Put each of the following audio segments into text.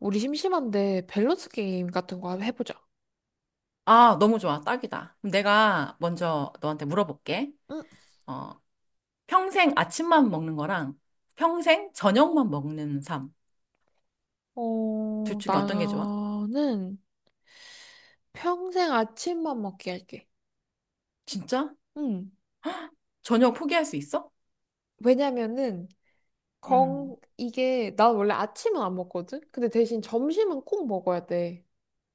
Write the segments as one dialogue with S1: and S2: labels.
S1: 우리 심심한데 밸런스 게임 같은 거 한번 해보자.
S2: 아, 너무 좋아. 딱이다. 그럼 내가 먼저 너한테 물어볼게.
S1: 응,
S2: 어, 평생 아침만 먹는 거랑 평생 저녁만 먹는 삶. 둘 중에 어떤 게 좋아?
S1: 나는 평생 아침만 먹게 할게.
S2: 진짜?
S1: 응.
S2: 저녁 포기할 수 있어?
S1: 왜냐면은,
S2: 음.
S1: 이게, 난 원래 아침은 안 먹거든? 근데 대신 점심은 꼭 먹어야 돼.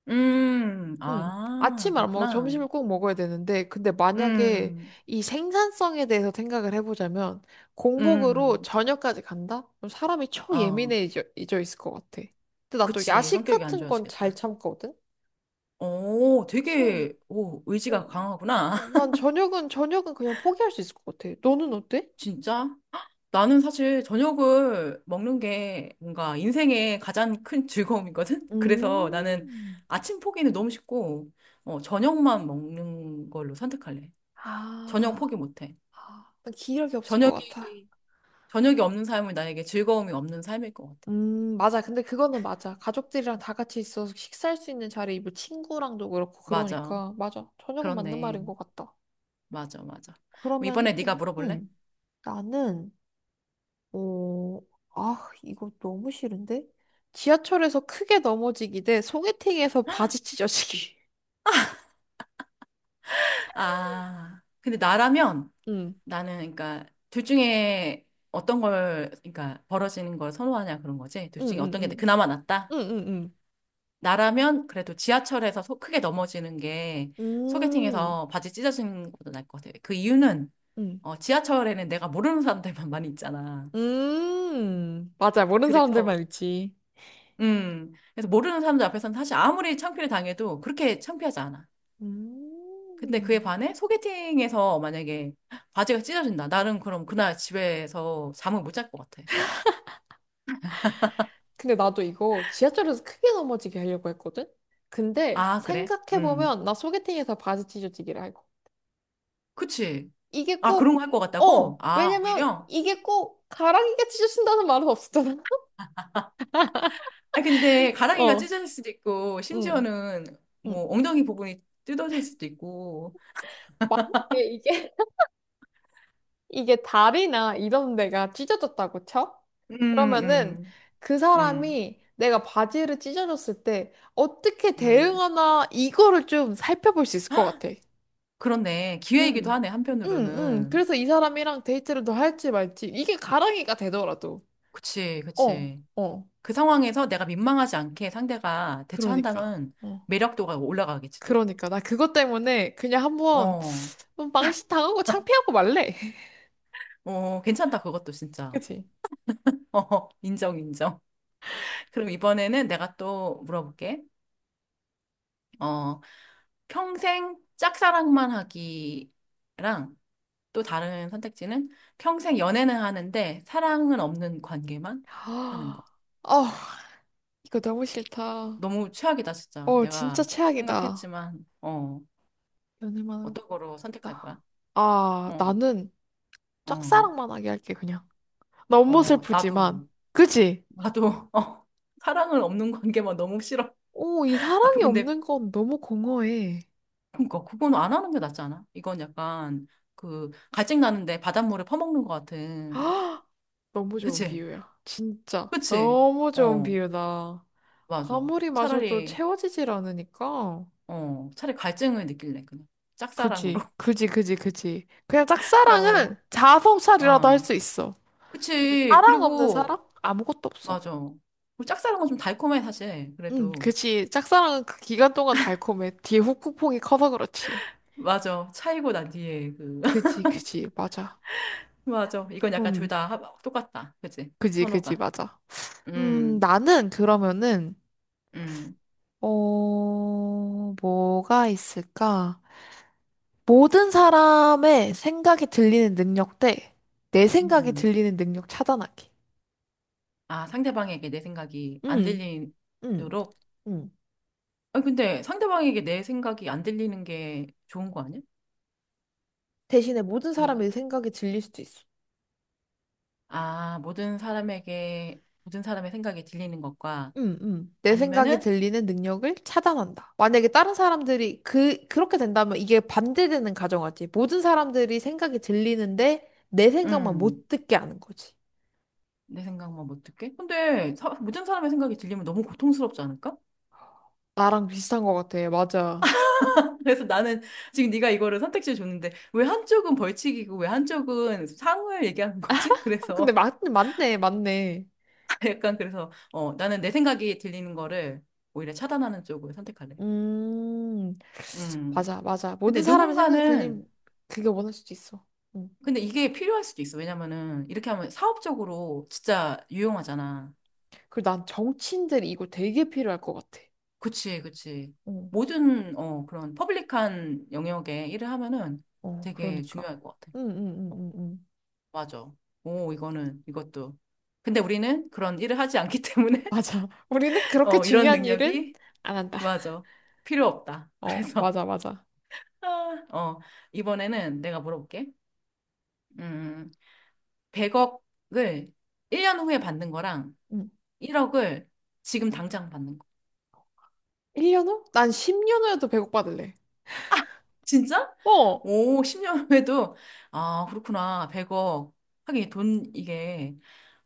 S2: 음.
S1: 응.
S2: 아,
S1: 아침을 안 먹고
S2: 그렇구나.
S1: 점심을 꼭 먹어야 되는데, 근데 만약에
S2: 음.
S1: 이 생산성에 대해서 생각을 해보자면, 공복으로
S2: 음.
S1: 저녁까지 간다? 그럼 사람이
S2: 어.
S1: 초예민해져 있을 것 같아. 근데 난 또
S2: 그치.
S1: 야식
S2: 성격이 안
S1: 같은 건 잘
S2: 좋아지겠다.
S1: 참거든?
S2: 오,
S1: 그래서
S2: 되게, 오,
S1: 어,
S2: 의지가 강하구나.
S1: 난 저녁은 그냥 포기할 수 있을 것 같아. 너는 어때?
S2: 진짜? 나는 사실 저녁을 먹는 게 뭔가 인생의 가장 큰 즐거움이거든? 그래서 나는
S1: 음,
S2: 아침 포기는 너무 쉽고, 저녁만 먹는 걸로 선택할래. 저녁
S1: 아,
S2: 포기 못해.
S1: 난 기력이 없을 것 같아.
S2: 저녁이, 저녁이 없는 삶은 나에게 즐거움이 없는 삶일 것 같아.
S1: 맞아. 근데 그거는 맞아. 가족들이랑 다 같이 있어서 식사할 수 있는 자리에 뭐 친구랑도 그렇고
S2: 맞아.
S1: 그러니까 맞아. 저녁은 맞는
S2: 그렇네.
S1: 말인 것 같다.
S2: 맞아, 맞아. 그럼
S1: 그러면
S2: 이번에 네가 물어볼래?
S1: 음, 나는 어, 아, 이거 너무 싫은데? 지하철에서 크게 넘어지기 대 소개팅에서 바지 찢어지기.
S2: 아, 근데 나라면
S1: 응,
S2: 나는 그러니까 둘 중에 어떤 걸, 그러니까 벌어지는 걸 선호하냐 그런 거지. 둘
S1: 응,
S2: 중에 어떤 게
S1: 응,
S2: 그나마 낫다?
S1: 응응응.
S2: 나라면 그래도 크게 넘어지는 게
S1: 음.
S2: 소개팅에서 바지 찢어지는 것보다 나을 것 같아요. 그 이유는
S1: 음.
S2: 지하철에는 내가 모르는 사람들만 많이 있잖아.
S1: 음. 맞아. 모르는 사람들만
S2: 그래서
S1: 있지.
S2: 그래서 모르는 사람들 앞에서는 사실 아무리 창피를 당해도 그렇게 창피하지 않아. 근데
S1: 음.
S2: 그에 반해 소개팅에서 만약에 바지가 찢어진다. 나는 그럼 그날 집에서 잠을 못 잘 것 같아.
S1: 근데 나도 이거 지하철에서 크게 넘어지게 하려고 했거든? 근데
S2: 아, 그래? 음.
S1: 생각해보면 나 소개팅에서 바지 찢어지기를 하고.
S2: 그치.
S1: 이게
S2: 아, 그런
S1: 꼭,
S2: 거 할 것 같다고?
S1: 어!
S2: 아,
S1: 왜냐면
S2: 오히려?
S1: 이게 꼭 가랑이가 찢어진다는 말은 없었잖아.
S2: 아 근데 가랑이가
S1: 어.
S2: 찢어질 수도 있고
S1: 응.
S2: 심지어는
S1: 응.
S2: 뭐 엉덩이 부분이 뜯어질 수도 있고
S1: 이게, 이게 이게 다리나 이런 데가 찢어졌다고 쳐?
S2: 음,
S1: 그러면은
S2: 음,
S1: 그
S2: 음,
S1: 사람이 내가 바지를 찢어졌을 때 어떻게
S2: 음.
S1: 대응하나 이거를 좀 살펴볼 수 있을 것
S2: 헉,
S1: 같아.
S2: 그렇네. 기회이기도
S1: 응,
S2: 하네,
S1: 응, 응.
S2: 한편으로는.
S1: 그래서 이 사람이랑 데이트를 더 할지 말지. 이게 가랑이가 되더라도.
S2: 그치,
S1: 어,
S2: 그치.
S1: 어.
S2: 그 상황에서 내가 민망하지 않게 상대가
S1: 그러니까.
S2: 대처한다면
S1: 어.
S2: 매력도가 올라가겠지, 또?
S1: 그러니까. 나 그것 때문에 그냥 한번
S2: 어,
S1: 망신 당하고 창피하고 말래.
S2: 어, 괜찮다, 그것도 진짜.
S1: 그치?
S2: 어, 인정, 인정. 그럼 이번에는 내가 또 물어볼게. 어, 평생 짝사랑만 하기랑 또 다른 선택지는 평생 연애는 하는데 사랑은 없는 관계만 하는 거.
S1: 아, 어, 이거 너무 싫다.
S2: 너무 최악이다, 진짜.
S1: 어, 진짜
S2: 내가
S1: 최악이다.
S2: 생각했지만,
S1: 연애만
S2: 어떤 거로 선택할 거야?
S1: 했다. 아,
S2: 어,
S1: 나는
S2: 어,
S1: 짝사랑만 하게 할게, 그냥. 너무
S2: 어,
S1: 슬프지만.
S2: 나도,
S1: 그지?
S2: 나도, 사랑은 없는 관계만 너무 싫어.
S1: 오, 이
S2: 아, 그,
S1: 사랑이
S2: 근데,
S1: 없는 건 너무 공허해.
S2: 그니까, 그건 안 하는 게 낫지 않아? 이건 약간, 그, 갈증 나는데 바닷물에 퍼먹는 것 같은.
S1: 아, 너무 좋은
S2: 그치?
S1: 비유야. 진짜.
S2: 그치?
S1: 너무 좋은
S2: 어,
S1: 비유다.
S2: 맞아.
S1: 아무리 마셔도
S2: 차라리,
S1: 채워지질 않으니까.
S2: 차라리 갈증을 느낄래, 그냥. 짝사랑으로.
S1: 그지, 그지, 그지, 그지. 그냥 짝사랑은
S2: 어,
S1: 자아성찰이라도 할
S2: 어.
S1: 수 있어. 근데
S2: 그치.
S1: 사랑 없는
S2: 그리고,
S1: 사랑? 아무것도 없어.
S2: 맞아. 우리 짝사랑은 좀 달콤해, 사실.
S1: 응,
S2: 그래도.
S1: 그지. 짝사랑은 그 기간 동안 달콤해. 뒤에 후폭풍이 커서 그렇지.
S2: 맞아. 차이고 난 뒤에 그.
S1: 그지, 그지, 맞아.
S2: 맞아. 이건 약간 둘
S1: 음,
S2: 다 똑같다. 그치?
S1: 그지, 그지,
S2: 선호가.
S1: 맞아.
S2: 음,
S1: 나는 그러면은,
S2: 음,
S1: 뭐가 있을까? 모든 사람의 생각이 들리는 능력 대 내 생각이
S2: 음.
S1: 들리는 능력 차단하기.
S2: 아, 상대방에게 내 생각이 안
S1: 음, 음,
S2: 들리도록?
S1: 음.
S2: 아니, 근데 상대방에게 내 생각이 안 들리는 게 좋은 거 아니야?
S1: 대신에 모든
S2: 아닌가?
S1: 사람의 생각이 들릴 수도 있어.
S2: 아, 모든 사람에게, 모든 사람의 생각이 들리는 것과
S1: 내 생각이
S2: 아니면은,
S1: 들리는 능력을 차단한다. 만약에 다른 사람들이 그렇게 된다면 이게 반대되는 가정하지. 모든 사람들이 생각이 들리는데 내 생각만
S2: 음,
S1: 못 듣게 하는 거지.
S2: 내 생각만 못 듣게? 근데 사, 모든 사람의 생각이 들리면 너무 고통스럽지 않을까?
S1: 나랑 비슷한 것 같아. 맞아.
S2: 그래서 나는 지금 네가 이거를 선택지를 줬는데 왜 한쪽은 벌칙이고 왜 한쪽은 상을 얘기하는 거지?
S1: 아, 근데
S2: 그래서
S1: 맞네, 맞네.
S2: 약간 그래서 나는 내 생각이 들리는 거를 오히려 차단하는 쪽을 선택할래.
S1: 음,
S2: 음.
S1: 맞아, 맞아. 모든
S2: 근데
S1: 사람의 생각이 들림,
S2: 누군가는
S1: 그게 원할 수도 있어. 음.
S2: 근데 이게 필요할 수도 있어. 왜냐면은 이렇게 하면 사업적으로 진짜 유용하잖아.
S1: 그리고 난 정치인들이 이거 되게 필요할 것 같아.
S2: 그치, 그치.
S1: 어,
S2: 모든 그런 퍼블릭한 영역에 일을 하면은
S1: 어,
S2: 되게
S1: 그러니까.
S2: 중요할 것 같아.
S1: 응, 응, 응, 응, 응.
S2: 맞아. 오, 이거는, 이것도. 근데 우리는 그런 일을 하지 않기 때문에,
S1: 맞아. 우리는 그렇게
S2: 이런
S1: 중요한 일은
S2: 능력이,
S1: 안 한다.
S2: 맞아. 필요 없다.
S1: 어,
S2: 그래서,
S1: 맞아, 맞아.
S2: 아, 어, 이번에는 내가 물어볼게. 음, 100억을 1년 후에 받는 거랑
S1: 응.
S2: 1억을 지금 당장 받는 거.
S1: 1년 후? 난 10년 후에도 배고파질래.
S2: 진짜?
S1: 어,
S2: 오, 10년 후에도, 아, 그렇구나. 100억. 하긴 돈, 이게,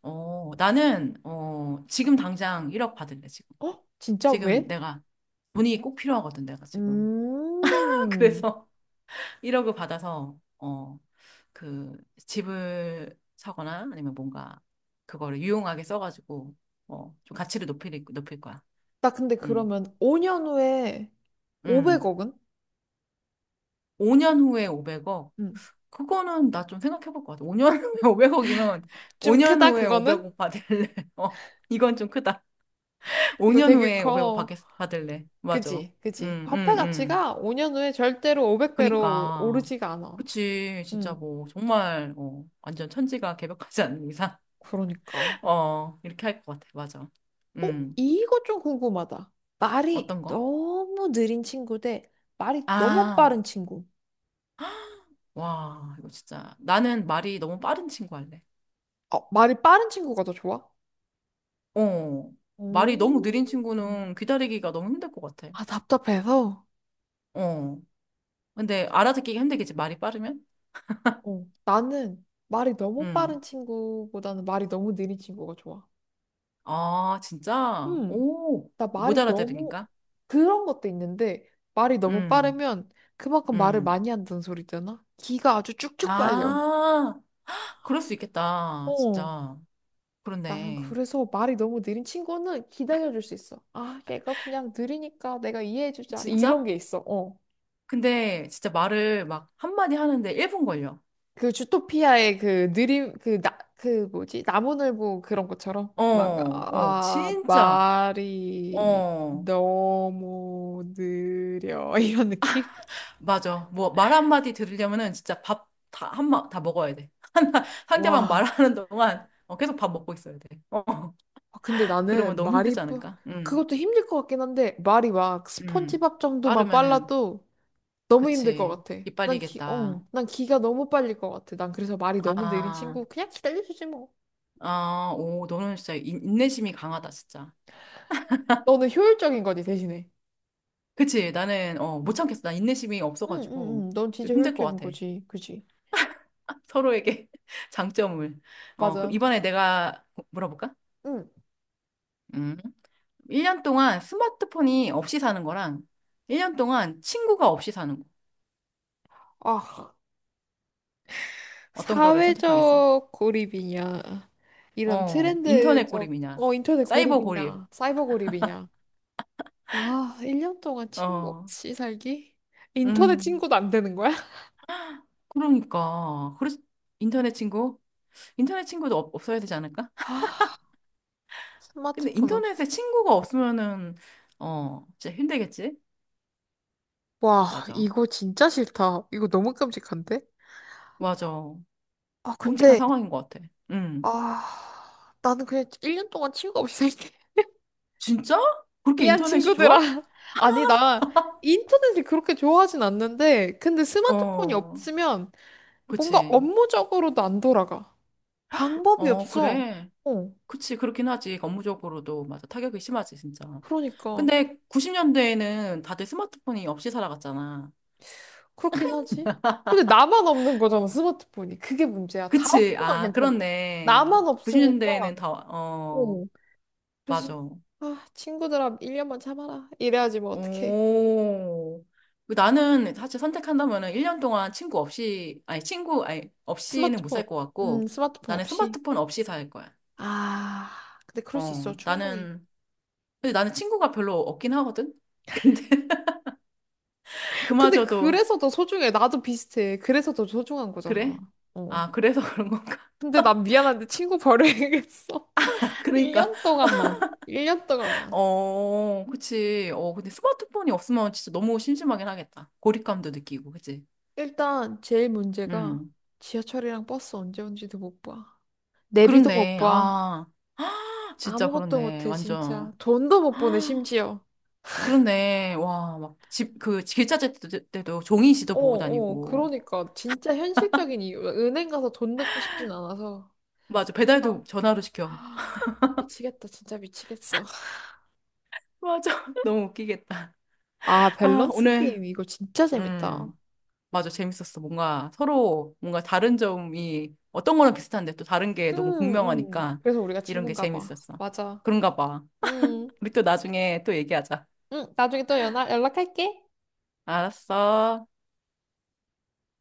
S2: 나는, 지금 당장 1억 받을래, 지금.
S1: 어? 진짜
S2: 지금
S1: 왜?
S2: 내가 돈이 꼭 필요하거든, 내가 지금.
S1: 음.
S2: 그래서 1억을 받아서, 그 집을 사거나 아니면 뭔가 그거를 유용하게 써가지고, 좀 가치를 높일 거야.
S1: 나 근데
S2: 응,
S1: 그러면 5년 후에
S2: 응.
S1: 500억은?
S2: 5년 후에 500억?
S1: 응.
S2: 그거는 나 좀 생각해 볼 것 같아. 5년 후에 500억이면
S1: 좀
S2: 5년
S1: 크다,
S2: 후에
S1: 그거는?
S2: 500억 받을래. 어, 이건 좀 크다.
S1: 이거
S2: 5년
S1: 되게
S2: 후에 500억
S1: 커.
S2: 받겠, 받을래. 맞아.
S1: 그지, 그지.
S2: 응, 응,
S1: 화폐
S2: 응.
S1: 가치가 5년 후에 절대로 500배로
S2: 그니까.
S1: 오르지가 않아.
S2: 그치. 진짜
S1: 응,
S2: 뭐, 정말, 완전 천지가 개벽하지 않는 이상,
S1: 그러니까.
S2: 이렇게 할 것 같아. 맞아.
S1: 어?
S2: 음,
S1: 이거 좀 궁금하다. 말이
S2: 어떤 거?
S1: 너무 느린 친구 대 말이 너무
S2: 아,
S1: 빠른 친구.
S2: 와, 이거 진짜. 나는 말이 너무 빠른 친구 할래.
S1: 어, 말이 빠른 친구가 더 좋아?
S2: 어,
S1: 오.
S2: 말이 너무 느린 친구는 기다리기가 너무 힘들 것 같아.
S1: 아, 답답해서.
S2: 어, 근데 알아듣기가 힘들겠지. 말이 빠르면?
S1: 어, 나는 말이 너무
S2: 음,
S1: 빠른 친구보다는 말이 너무 느린 친구가 좋아.
S2: 아, 진짜?
S1: 음,
S2: 오,
S1: 나
S2: 못
S1: 말이 너무
S2: 알아들으니까?
S1: 그런 것도 있는데 말이 너무
S2: 음,
S1: 빠르면 그만큼 말을
S2: 음.
S1: 많이 한다는 소리잖아. 기가 아주 쭉쭉 빨려.
S2: 아, 그럴 수 있겠다.
S1: 어,
S2: 진짜.
S1: 난
S2: 그렇네.
S1: 그래서 말이 너무 느린 친구는 기다려줄 수 있어. 아, 얘가 그냥 느리니까 내가 이해해주자. 이런
S2: 진짜?
S1: 게 있어. 어.
S2: 근데 진짜 말을 막 한마디 하는데 1분 걸려.
S1: 그 주토피아의 그 느림, 그 나, 그 뭐지? 나무늘보 그런 것처럼.
S2: 어,
S1: 막,
S2: 어, 진짜.
S1: 말이
S2: 어,
S1: 너무 느려. 이런 느낌?
S2: 맞아. 뭐 말 한마디 들으려면은 진짜 다 먹어야 돼. 상대방
S1: 와.
S2: 말하는 동안 계속 밥 먹고 있어야 돼. 어,
S1: 아, 근데
S2: 그러면
S1: 나는
S2: 너무 힘들지 않을까?
S1: 그것도 힘들 것 같긴 한데, 말이 막
S2: 음.
S1: 스폰지밥 정도만
S2: 빠르면은,
S1: 빨라도 너무 힘들 것
S2: 그치.
S1: 같아. 난 기,
S2: 이빨리겠다.
S1: 어, 난 기가 너무 빨릴 것 같아. 난 그래서 말이 너무 느린
S2: 아,
S1: 친구 그냥 기다려주지 뭐.
S2: 아, 오, 너는 진짜 인내심이 강하다, 진짜.
S1: 너는 효율적인 거지 대신에.
S2: 그치. 나는, 못
S1: 음.
S2: 참겠어. 나 인내심이
S1: 응, 응,
S2: 없어가지고.
S1: 응. 응. 넌
S2: 좀
S1: 진짜
S2: 힘들 것
S1: 효율적인
S2: 같아.
S1: 거지. 그지?
S2: 서로에게 장점을. 어,
S1: 맞아.
S2: 그럼 이번에 내가 물어볼까?
S1: 응.
S2: 음. 1년 동안 스마트폰이 없이 사는 거랑 1년 동안 친구가 없이 사는 거.
S1: 아,
S2: 어떤 거를 선택하겠어?
S1: 사회적 고립이냐. 이런
S2: 어, 인터넷
S1: 트렌드적,
S2: 고립이냐?
S1: 인터넷
S2: 사이버 고립.
S1: 고립이냐. 사이버 고립이냐. 아, 1년 동안 친구
S2: 어,
S1: 없이 살기? 인터넷
S2: 음.
S1: 친구도 안 되는 거야?
S2: 그러니까. 그래서 인터넷 친구? 인터넷 친구도 없어야 되지 않을까?
S1: 아,
S2: 근데
S1: 스마트폰 없이.
S2: 인터넷에 친구가 없으면은, 진짜 힘들겠지?
S1: 와,
S2: 맞아.
S1: 이거 진짜 싫다. 이거 너무 끔찍한데?
S2: 맞아.
S1: 아,
S2: 끔찍한
S1: 근데,
S2: 상황인 것 같아. 음.
S1: 아, 나는 그냥 1년 동안 친구가 없이 살게.
S2: 진짜? 그렇게
S1: 미안,
S2: 인터넷이
S1: 친구들아.
S2: 좋아?
S1: 아니, 나 인터넷을 그렇게 좋아하진 않는데, 근데 스마트폰이
S2: 어,
S1: 없으면 뭔가
S2: 그치.
S1: 업무적으로도 안 돌아가. 방법이
S2: 어,
S1: 없어.
S2: 그래.
S1: 어,
S2: 그치, 그렇긴 하지. 업무적으로도, 맞아. 타격이 심하지, 진짜.
S1: 그러니까.
S2: 근데 90년대에는 다들 스마트폰이 없이 살아갔잖아.
S1: 그렇긴 하지. 근데 나만 없는 거잖아, 스마트폰이. 그게 문제야. 다
S2: 그치.
S1: 없으면
S2: 아,
S1: 괜찮아.
S2: 그렇네.
S1: 나만 없으니까.
S2: 90년대에는 다, 어,
S1: 어. 그래서,
S2: 맞아.
S1: 아, 친구들아, 1년만 참아라. 이래야지 뭐, 어떡해.
S2: 오. 나는 사실 선택한다면은 1년 동안 친구 없이, 아니, 친구, 아니, 없이는 못
S1: 스마트폰,
S2: 살 것
S1: 음,
S2: 같고,
S1: 스마트폰
S2: 나는
S1: 없이.
S2: 스마트폰 없이 살 거야.
S1: 아, 근데 그럴 수 있어, 충분히.
S2: 나는 근데 나는 친구가 별로 없긴 하거든? 근데
S1: 근데
S2: 그마저도
S1: 그래서 더 소중해. 나도 비슷해. 그래서 더 소중한 거잖아.
S2: 그래?
S1: 어.
S2: 아, 그래서 그런 건가?
S1: 근데 난 미안한데 친구 버려야겠어.
S2: 그러니까,
S1: 1년 동안만. 일 년 동안만.
S2: 그치. 근데 스마트폰이 없으면 진짜 너무 심심하긴 하겠다. 고립감도 느끼고, 그치?
S1: 일단 제일 문제가
S2: 음.
S1: 지하철이랑 버스 언제 온지도 못 봐. 내비도 못
S2: 그렇네.
S1: 봐.
S2: 아, 진짜
S1: 아무것도
S2: 그렇네.
S1: 못해,
S2: 완전.
S1: 진짜. 돈도 못 보내, 심지어.
S2: 그렇네. 와, 막 집, 그, 길찾을 때도 때도 종이 시도
S1: 어,
S2: 보고
S1: 어,
S2: 다니고.
S1: 그러니까. 진짜 현실적인 이유. 은행 가서 돈 넣고 싶진 않아서.
S2: 맞아.
S1: 그래서
S2: 배달도
S1: 난,
S2: 전화로 시켜.
S1: 아, 미치겠다, 진짜 미치겠어.
S2: 맞아. 너무 웃기겠다.
S1: 아,
S2: 아,
S1: 밸런스
S2: 오늘,
S1: 게임. 이거 진짜 재밌다.
S2: 음. 맞아, 재밌었어. 뭔가 서로 뭔가 다른 점이 어떤 거랑 비슷한데 또 다른 게
S1: 응,
S2: 너무
S1: 응.
S2: 극명하니까
S1: 그래서 우리가
S2: 이런 게
S1: 친구인가 봐.
S2: 재밌었어.
S1: 맞아.
S2: 그런가 봐.
S1: 음,
S2: 우리 또 나중에 또 얘기하자.
S1: 나중에 또 연락할게.
S2: 알았어.